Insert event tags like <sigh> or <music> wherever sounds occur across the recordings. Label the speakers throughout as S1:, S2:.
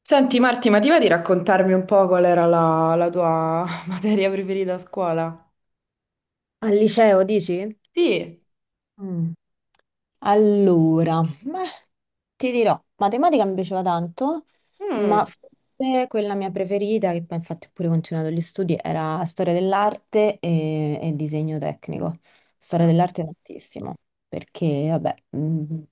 S1: Senti Marti, ma ti va di raccontarmi un po' qual era la tua <laughs> materia preferita a scuola?
S2: Al liceo, dici?
S1: Sì.
S2: Mm. Allora, beh, ti dirò, matematica mi piaceva tanto,
S1: Mm,
S2: ma forse quella mia preferita, che poi infatti ho pure continuato gli studi, era storia dell'arte e disegno tecnico. Storia dell'arte tantissimo, perché vabbè,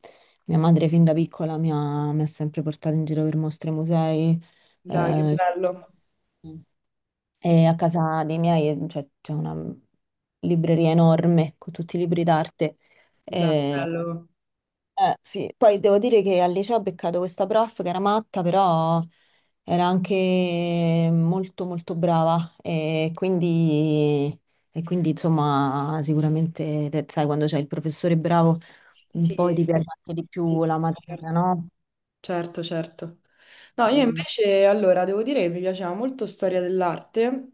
S2: mia madre fin da piccola mi ha sempre portato in giro per mostre e musei.
S1: dai, che
S2: eh,
S1: bello.
S2: e a casa dei miei, cioè, c'è una libreria enorme con tutti i libri d'arte.
S1: Dai, bello.
S2: Sì. Poi devo dire che al liceo ho beccato questa prof che era matta, però era anche molto molto brava, e quindi insomma sicuramente sai, quando c'è il professore bravo poi
S1: Sì,
S2: ti piace, sì, anche di
S1: sì,
S2: più
S1: sì,
S2: la materia,
S1: certo.
S2: no?
S1: Certo, certo. No, io
S2: Mhm.
S1: invece, allora, devo dire che mi piaceva molto storia dell'arte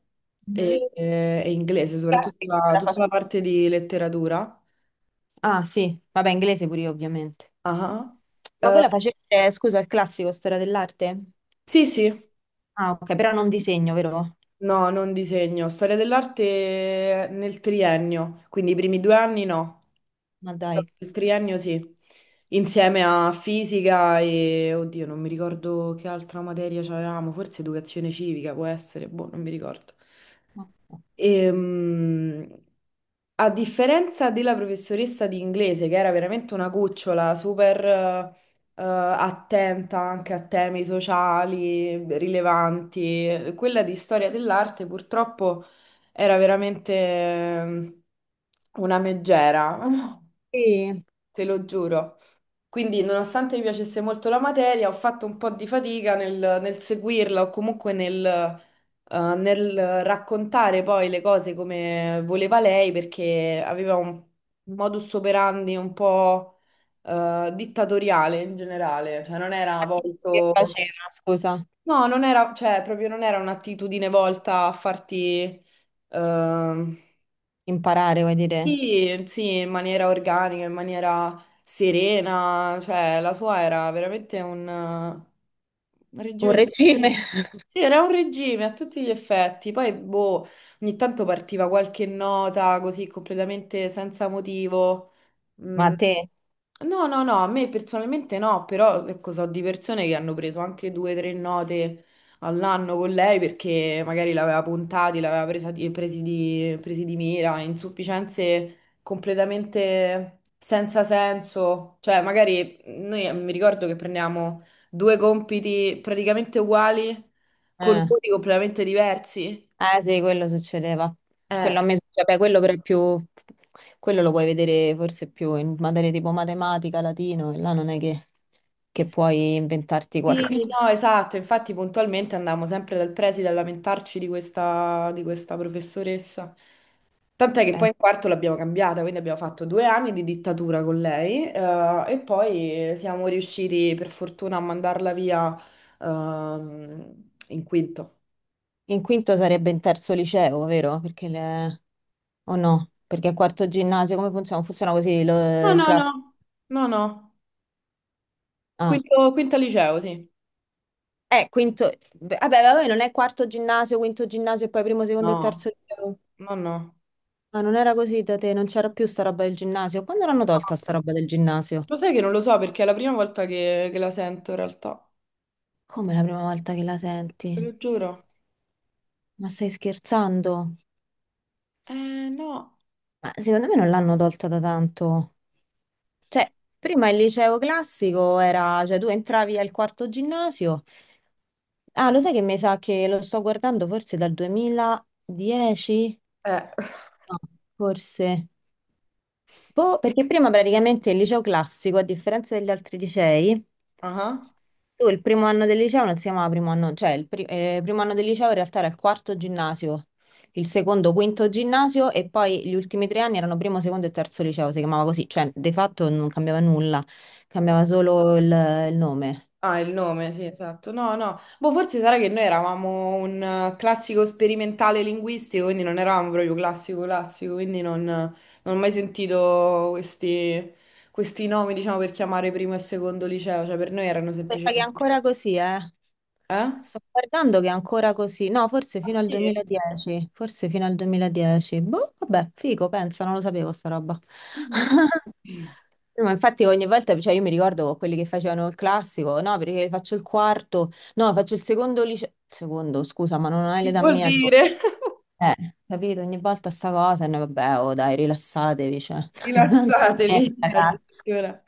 S2: Mhm.
S1: e inglese, soprattutto
S2: Grazie, come la
S1: tutta
S2: faccio?
S1: la parte di letteratura.
S2: Ah sì, vabbè, inglese pure io ovviamente.
S1: Ah.
S2: Ma voi
S1: Eh,
S2: la facete, scusa, il classico, storia dell'arte?
S1: sì, sì.
S2: Ah, ok, però non disegno, vero?
S1: No, non disegno. Storia dell'arte nel triennio, quindi i primi due anni no,
S2: Ma
S1: però
S2: dai.
S1: il triennio sì, insieme a fisica e, oddio, non mi ricordo che altra materia c'avevamo, forse educazione civica può essere, boh, non mi ricordo.
S2: Ok.
S1: Ehm, A differenza della professoressa di inglese, che era veramente una cucciola, super attenta anche a temi sociali rilevanti, quella di storia dell'arte purtroppo era veramente una meggera, <laughs>
S2: Sì.
S1: te lo giuro. Quindi, nonostante mi piacesse molto la materia, ho fatto un po' di fatica nel seguirla o comunque nel, nel raccontare poi le cose come voleva lei, perché aveva un modus operandi un po' dittatoriale in generale, cioè non era
S2: Che
S1: volto...
S2: faceva, scusa?
S1: No, non era, cioè proprio non era un'attitudine volta a farti... ehm,
S2: Imparare, vuoi dire?
S1: sì, sì, in maniera organica, in maniera serena, cioè la sua era veramente un
S2: Un
S1: regime.
S2: regime. <laughs>
S1: Sì, era un regime a tutti gli effetti. Poi, boh, ogni tanto partiva qualche nota così completamente senza motivo.
S2: Ma
S1: Mm.
S2: a te?
S1: No, no, no, a me personalmente no, però ecco, so di persone che hanno preso anche due o tre note all'anno con lei perché magari l'aveva puntati, l'aveva presa di- presi di, presi di mira, insufficienze completamente senza senso. Cioè, magari noi mi ricordo che prendiamo due compiti praticamente uguali con
S2: Eh.
S1: voti completamente diversi.
S2: Ah, sì, quello succedeva.
S1: Eh,
S2: Quello a me succede, beh, quello però è più... Quello lo puoi vedere forse più in materie tipo matematica, latino, e là non è che puoi inventarti
S1: Sì,
S2: qualcosa.
S1: no,
S2: <laughs>
S1: esatto, infatti puntualmente andavamo sempre dal preside a lamentarci di questa professoressa. Tant'è che poi
S2: Eh.
S1: in quarto l'abbiamo cambiata, quindi abbiamo fatto due anni di dittatura con lei e poi siamo riusciti per fortuna a mandarla via in quinto.
S2: In quinto sarebbe in terzo liceo, vero? Perché le... O no? Perché a quarto ginnasio come funziona? Funziona così,
S1: No,
S2: il
S1: no,
S2: classico?
S1: no, no, no,
S2: Ah,
S1: quinto, quinta liceo, sì.
S2: quinto... beh, vabbè, vabbè, non è quarto ginnasio, quinto ginnasio e poi primo, secondo e
S1: No,
S2: terzo liceo.
S1: no, no.
S2: Ah, non era così da te, non c'era più sta roba del ginnasio. Quando l'hanno
S1: No,
S2: tolta sta roba del ginnasio?
S1: lo sai che non lo so perché è la prima volta che la sento in realtà,
S2: Come, la prima volta che la
S1: te
S2: senti?
S1: lo giuro.
S2: Ma stai scherzando?
S1: Eh, no.
S2: Ma secondo me non l'hanno tolta da tanto. Cioè, prima il liceo classico era... Cioè, tu entravi al quarto ginnasio... Ah, lo sai che mi sa che lo sto guardando forse dal 2010?
S1: Eh.
S2: No, forse. Boh, perché prima praticamente il liceo classico, a differenza degli altri licei,
S1: Ah,
S2: tu il primo anno del liceo non si chiamava primo anno, cioè primo anno del liceo in realtà era il quarto ginnasio, il secondo, quinto ginnasio, e poi gli ultimi tre anni erano primo, secondo e terzo liceo, si chiamava così, cioè di fatto non cambiava nulla, cambiava solo il nome.
S1: ah, il nome, sì, esatto. No, no. Boh, forse sarà che noi eravamo un classico sperimentale linguistico, quindi non eravamo proprio classico classico, quindi non ho mai sentito questi nomi, diciamo, per chiamare primo e secondo liceo. Cioè, per noi erano
S2: Pensa che è
S1: semplicemente...
S2: ancora così, eh.
S1: Eh? Ah,
S2: Sto guardando che è ancora così. No, forse fino al
S1: sì?
S2: 2010, forse fino al 2010. Boh, vabbè, figo, pensa, non lo sapevo sta roba.
S1: Mhm.
S2: <laughs> No, ma infatti ogni volta, cioè io mi ricordo quelli che facevano il classico, no, perché faccio il quarto, no, faccio il secondo liceo, secondo, scusa, ma non hai
S1: Che
S2: l'età
S1: vuol
S2: mia, tipo,
S1: dire? <laughs>
S2: capito, ogni volta sta cosa, e noi vabbè, oh dai, rilassatevi, cioè, <laughs> non c'è niente,
S1: Rilassatevi,
S2: ragazzi.
S1: addirittura.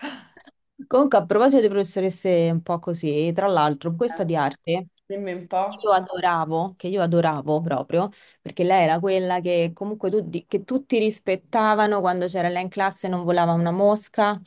S2: Comunque, a proposito di professoresse un po' così, tra l'altro,
S1: Eh,
S2: questa di arte
S1: dimmi un
S2: io
S1: po'.
S2: adoravo, che io adoravo proprio, perché lei era quella che comunque che tutti rispettavano quando c'era lei in classe, non volava una mosca,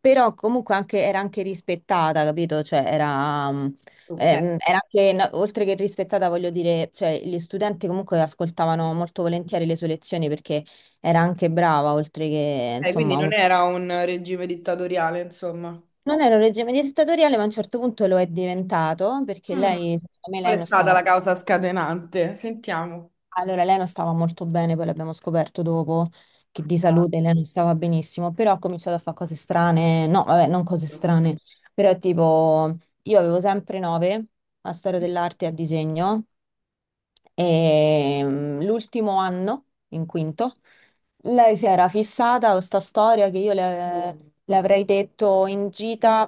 S2: però comunque era anche rispettata, capito? Cioè
S1: Ok.
S2: era anche, no, oltre che rispettata, voglio dire, cioè gli studenti comunque ascoltavano molto volentieri le sue lezioni perché era anche brava, oltre che,
S1: Ok, quindi
S2: insomma,
S1: non era un regime dittatoriale, insomma.
S2: non era un regime dittatoriale, ma a un certo punto lo è diventato, perché
S1: Mm.
S2: lei, secondo me,
S1: Qual
S2: lei
S1: è
S2: non
S1: stata
S2: stava...
S1: la causa scatenante? Sentiamo.
S2: Allora, lei non stava molto bene, poi l'abbiamo scoperto dopo, che di salute lei non stava benissimo, però ha cominciato a fare cose strane, no, vabbè, non cose strane, però tipo, io avevo sempre 9 a storia dell'arte e a disegno, e l'ultimo anno, in quinto, lei si era fissata a questa storia che io le avrei detto in gita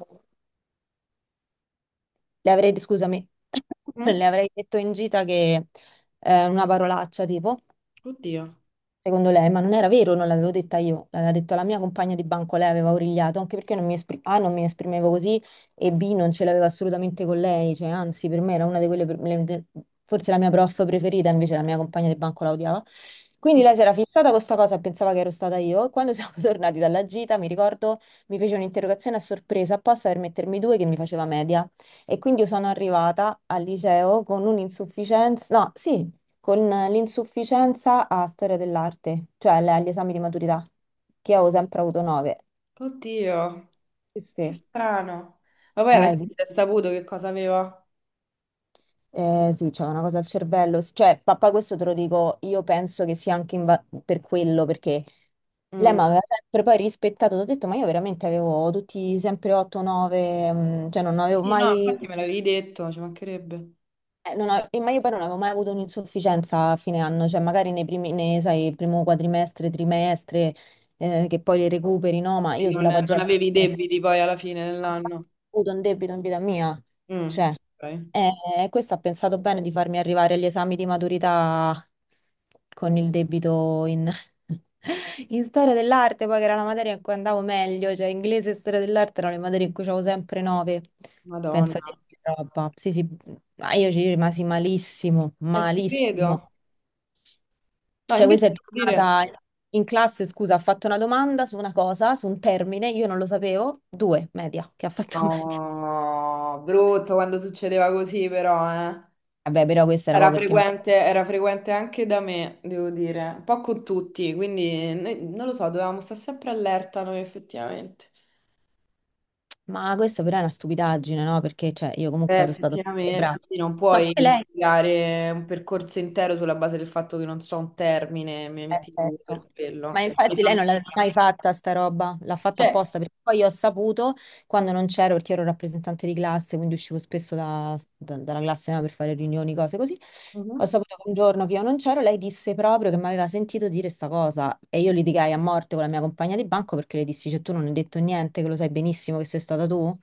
S2: le avrei, scusami, <laughs>
S1: Mm?
S2: le avrei detto in gita che una parolaccia tipo,
S1: Oddio,
S2: secondo lei, ma non era vero, non l'avevo detta io, l'aveva detto la mia compagna di banco, lei aveva origliato, anche perché non mi esprim- A, non mi esprimevo così, e B, non ce l'avevo assolutamente con lei, cioè anzi per me era una di quelle, forse la mia prof preferita, invece la mia compagna di banco la odiava. Quindi lei si era fissata con questa cosa e pensava che ero stata io, e quando siamo <laughs> tornati dalla gita, mi ricordo, mi fece un'interrogazione a sorpresa apposta per mettermi due che mi faceva media. E quindi io sono arrivata al liceo con un'insufficienza, no, sì, con l'insufficienza a storia dell'arte, cioè agli esami di maturità, che avevo sempre avuto 9.
S1: oddio,
S2: Sì,
S1: che
S2: sì.
S1: strano. Ma poi alla
S2: Eh
S1: fine
S2: sì,
S1: si è saputo che cosa aveva.
S2: sì, c'è una cosa al cervello. Cioè, papà, questo te lo dico, io penso che sia anche per quello, perché lei
S1: Mm.
S2: mi aveva sempre poi rispettato, ti ho detto, ma io veramente avevo tutti sempre 8-9, cioè non
S1: Sì,
S2: avevo
S1: sì, no,
S2: mai...
S1: infatti me l'avevi detto, ci mancherebbe.
S2: Non ho- ma io poi non avevo mai avuto un'insufficienza a fine anno, cioè magari nei primi, nei, sai, primo quadrimestre, trimestre, che poi le recuperi, no? Ma
S1: E
S2: io
S1: Non,
S2: sulla
S1: non
S2: pagella
S1: avevi debiti poi alla fine dell'anno.
S2: avuto un debito in vita mia.
S1: Mm.
S2: Cioè,
S1: Ok.
S2: questo ha pensato bene di farmi arrivare agli esami di maturità con il debito in, <laughs> in storia dell'arte, poi che era la materia in cui andavo meglio, cioè inglese e storia dell'arte erano le materie in cui avevo sempre 9.
S1: Madonna.
S2: Pensate che roba. Sì, sì, ma io ci rimasi malissimo,
S1: E ti credo.
S2: malissimo.
S1: No,
S2: Cioè,
S1: invece
S2: questa è
S1: devo dire...
S2: tornata in classe, scusa, ha fatto una domanda su una cosa, su un termine, io non lo sapevo, due, media, che ha fatto <laughs> media.
S1: No, brutto quando succedeva così però, eh.
S2: Vabbè, però questa era proprio perché...
S1: Era frequente anche da me, devo dire, un po' con tutti, quindi non lo so, dovevamo stare sempre allerta noi effettivamente.
S2: Ma questa però è una stupidaggine, no? Perché, cioè, io comunque ero stata sempre brava.
S1: Effettivamente, sì, non
S2: Ma
S1: puoi
S2: poi lei...
S1: giudicare un percorso intero sulla base del fatto che non so un termine, mi metti tu
S2: Certo.
S1: per
S2: Ma
S1: quello. Mi
S2: infatti
S1: fa
S2: lei non l'aveva
S1: media.
S2: mai fatta sta roba, l'ha fatta
S1: Cioè,
S2: apposta, perché poi io ho saputo quando non c'ero, perché ero rappresentante di classe, quindi uscivo spesso dalla classe, no, per fare riunioni, cose così. Ho
S1: mhm.
S2: saputo che un giorno che io non c'ero, lei disse proprio che mi aveva sentito dire sta cosa, e io litigai a morte con la mia compagna di banco perché le dissi, cioè tu non hai detto niente, che lo sai benissimo che sei stata tu,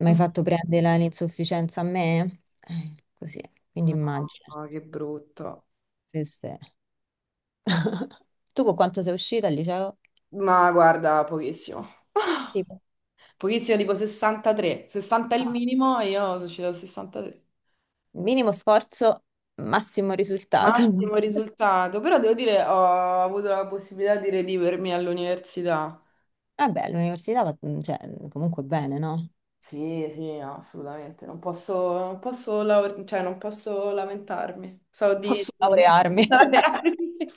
S2: mi hai
S1: <laughs>
S2: fatto prendere l'insufficienza a me? Così, quindi immagino.
S1: No, che brutto.
S2: Sì, sì. <laughs> Tu con quanto sei uscita al liceo?
S1: Ma guarda, pochissimo. <laughs>
S2: Tipo,
S1: Pochissimo, tipo 63. 60 è il
S2: ah,
S1: minimo e io sono uscita al 63.
S2: minimo sforzo, massimo risultato. <laughs>
S1: Massimo risultato, però devo dire, ho avuto la possibilità di redivermi all'università.
S2: Vabbè, all'università va, cioè, comunque bene, no?
S1: Sì, sì, no, assolutamente. Non posso, non posso, cioè, non posso lamentarmi. So di...
S2: Posso laurearmi.
S1: <laughs>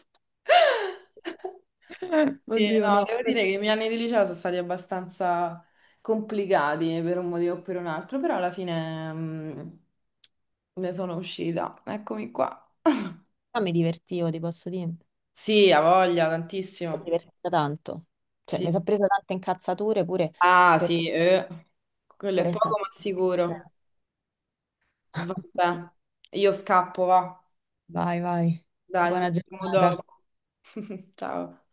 S2: <laughs>
S1: Sì,
S2: Oddio,
S1: no,
S2: no.
S1: devo dire che i miei anni di liceo sono stati abbastanza complicati per un motivo o per un altro, però alla fine ne sono uscita. Eccomi qua.
S2: Ma mi divertivo, ti posso dire. Mi
S1: Sì, ha voglia,
S2: sono
S1: tantissimo.
S2: divertita tanto. Cioè,
S1: Sì.
S2: mi sono presa tante incazzature pure
S1: Ah,
S2: per,
S1: sì, eh. Quello è
S2: per estate.
S1: poco ma sicuro.
S2: <laughs>
S1: Vabbè, io scappo, va.
S2: Vai, vai.
S1: Dai, ci
S2: Buona
S1: sentiamo
S2: giornata.
S1: dopo. <laughs> Ciao.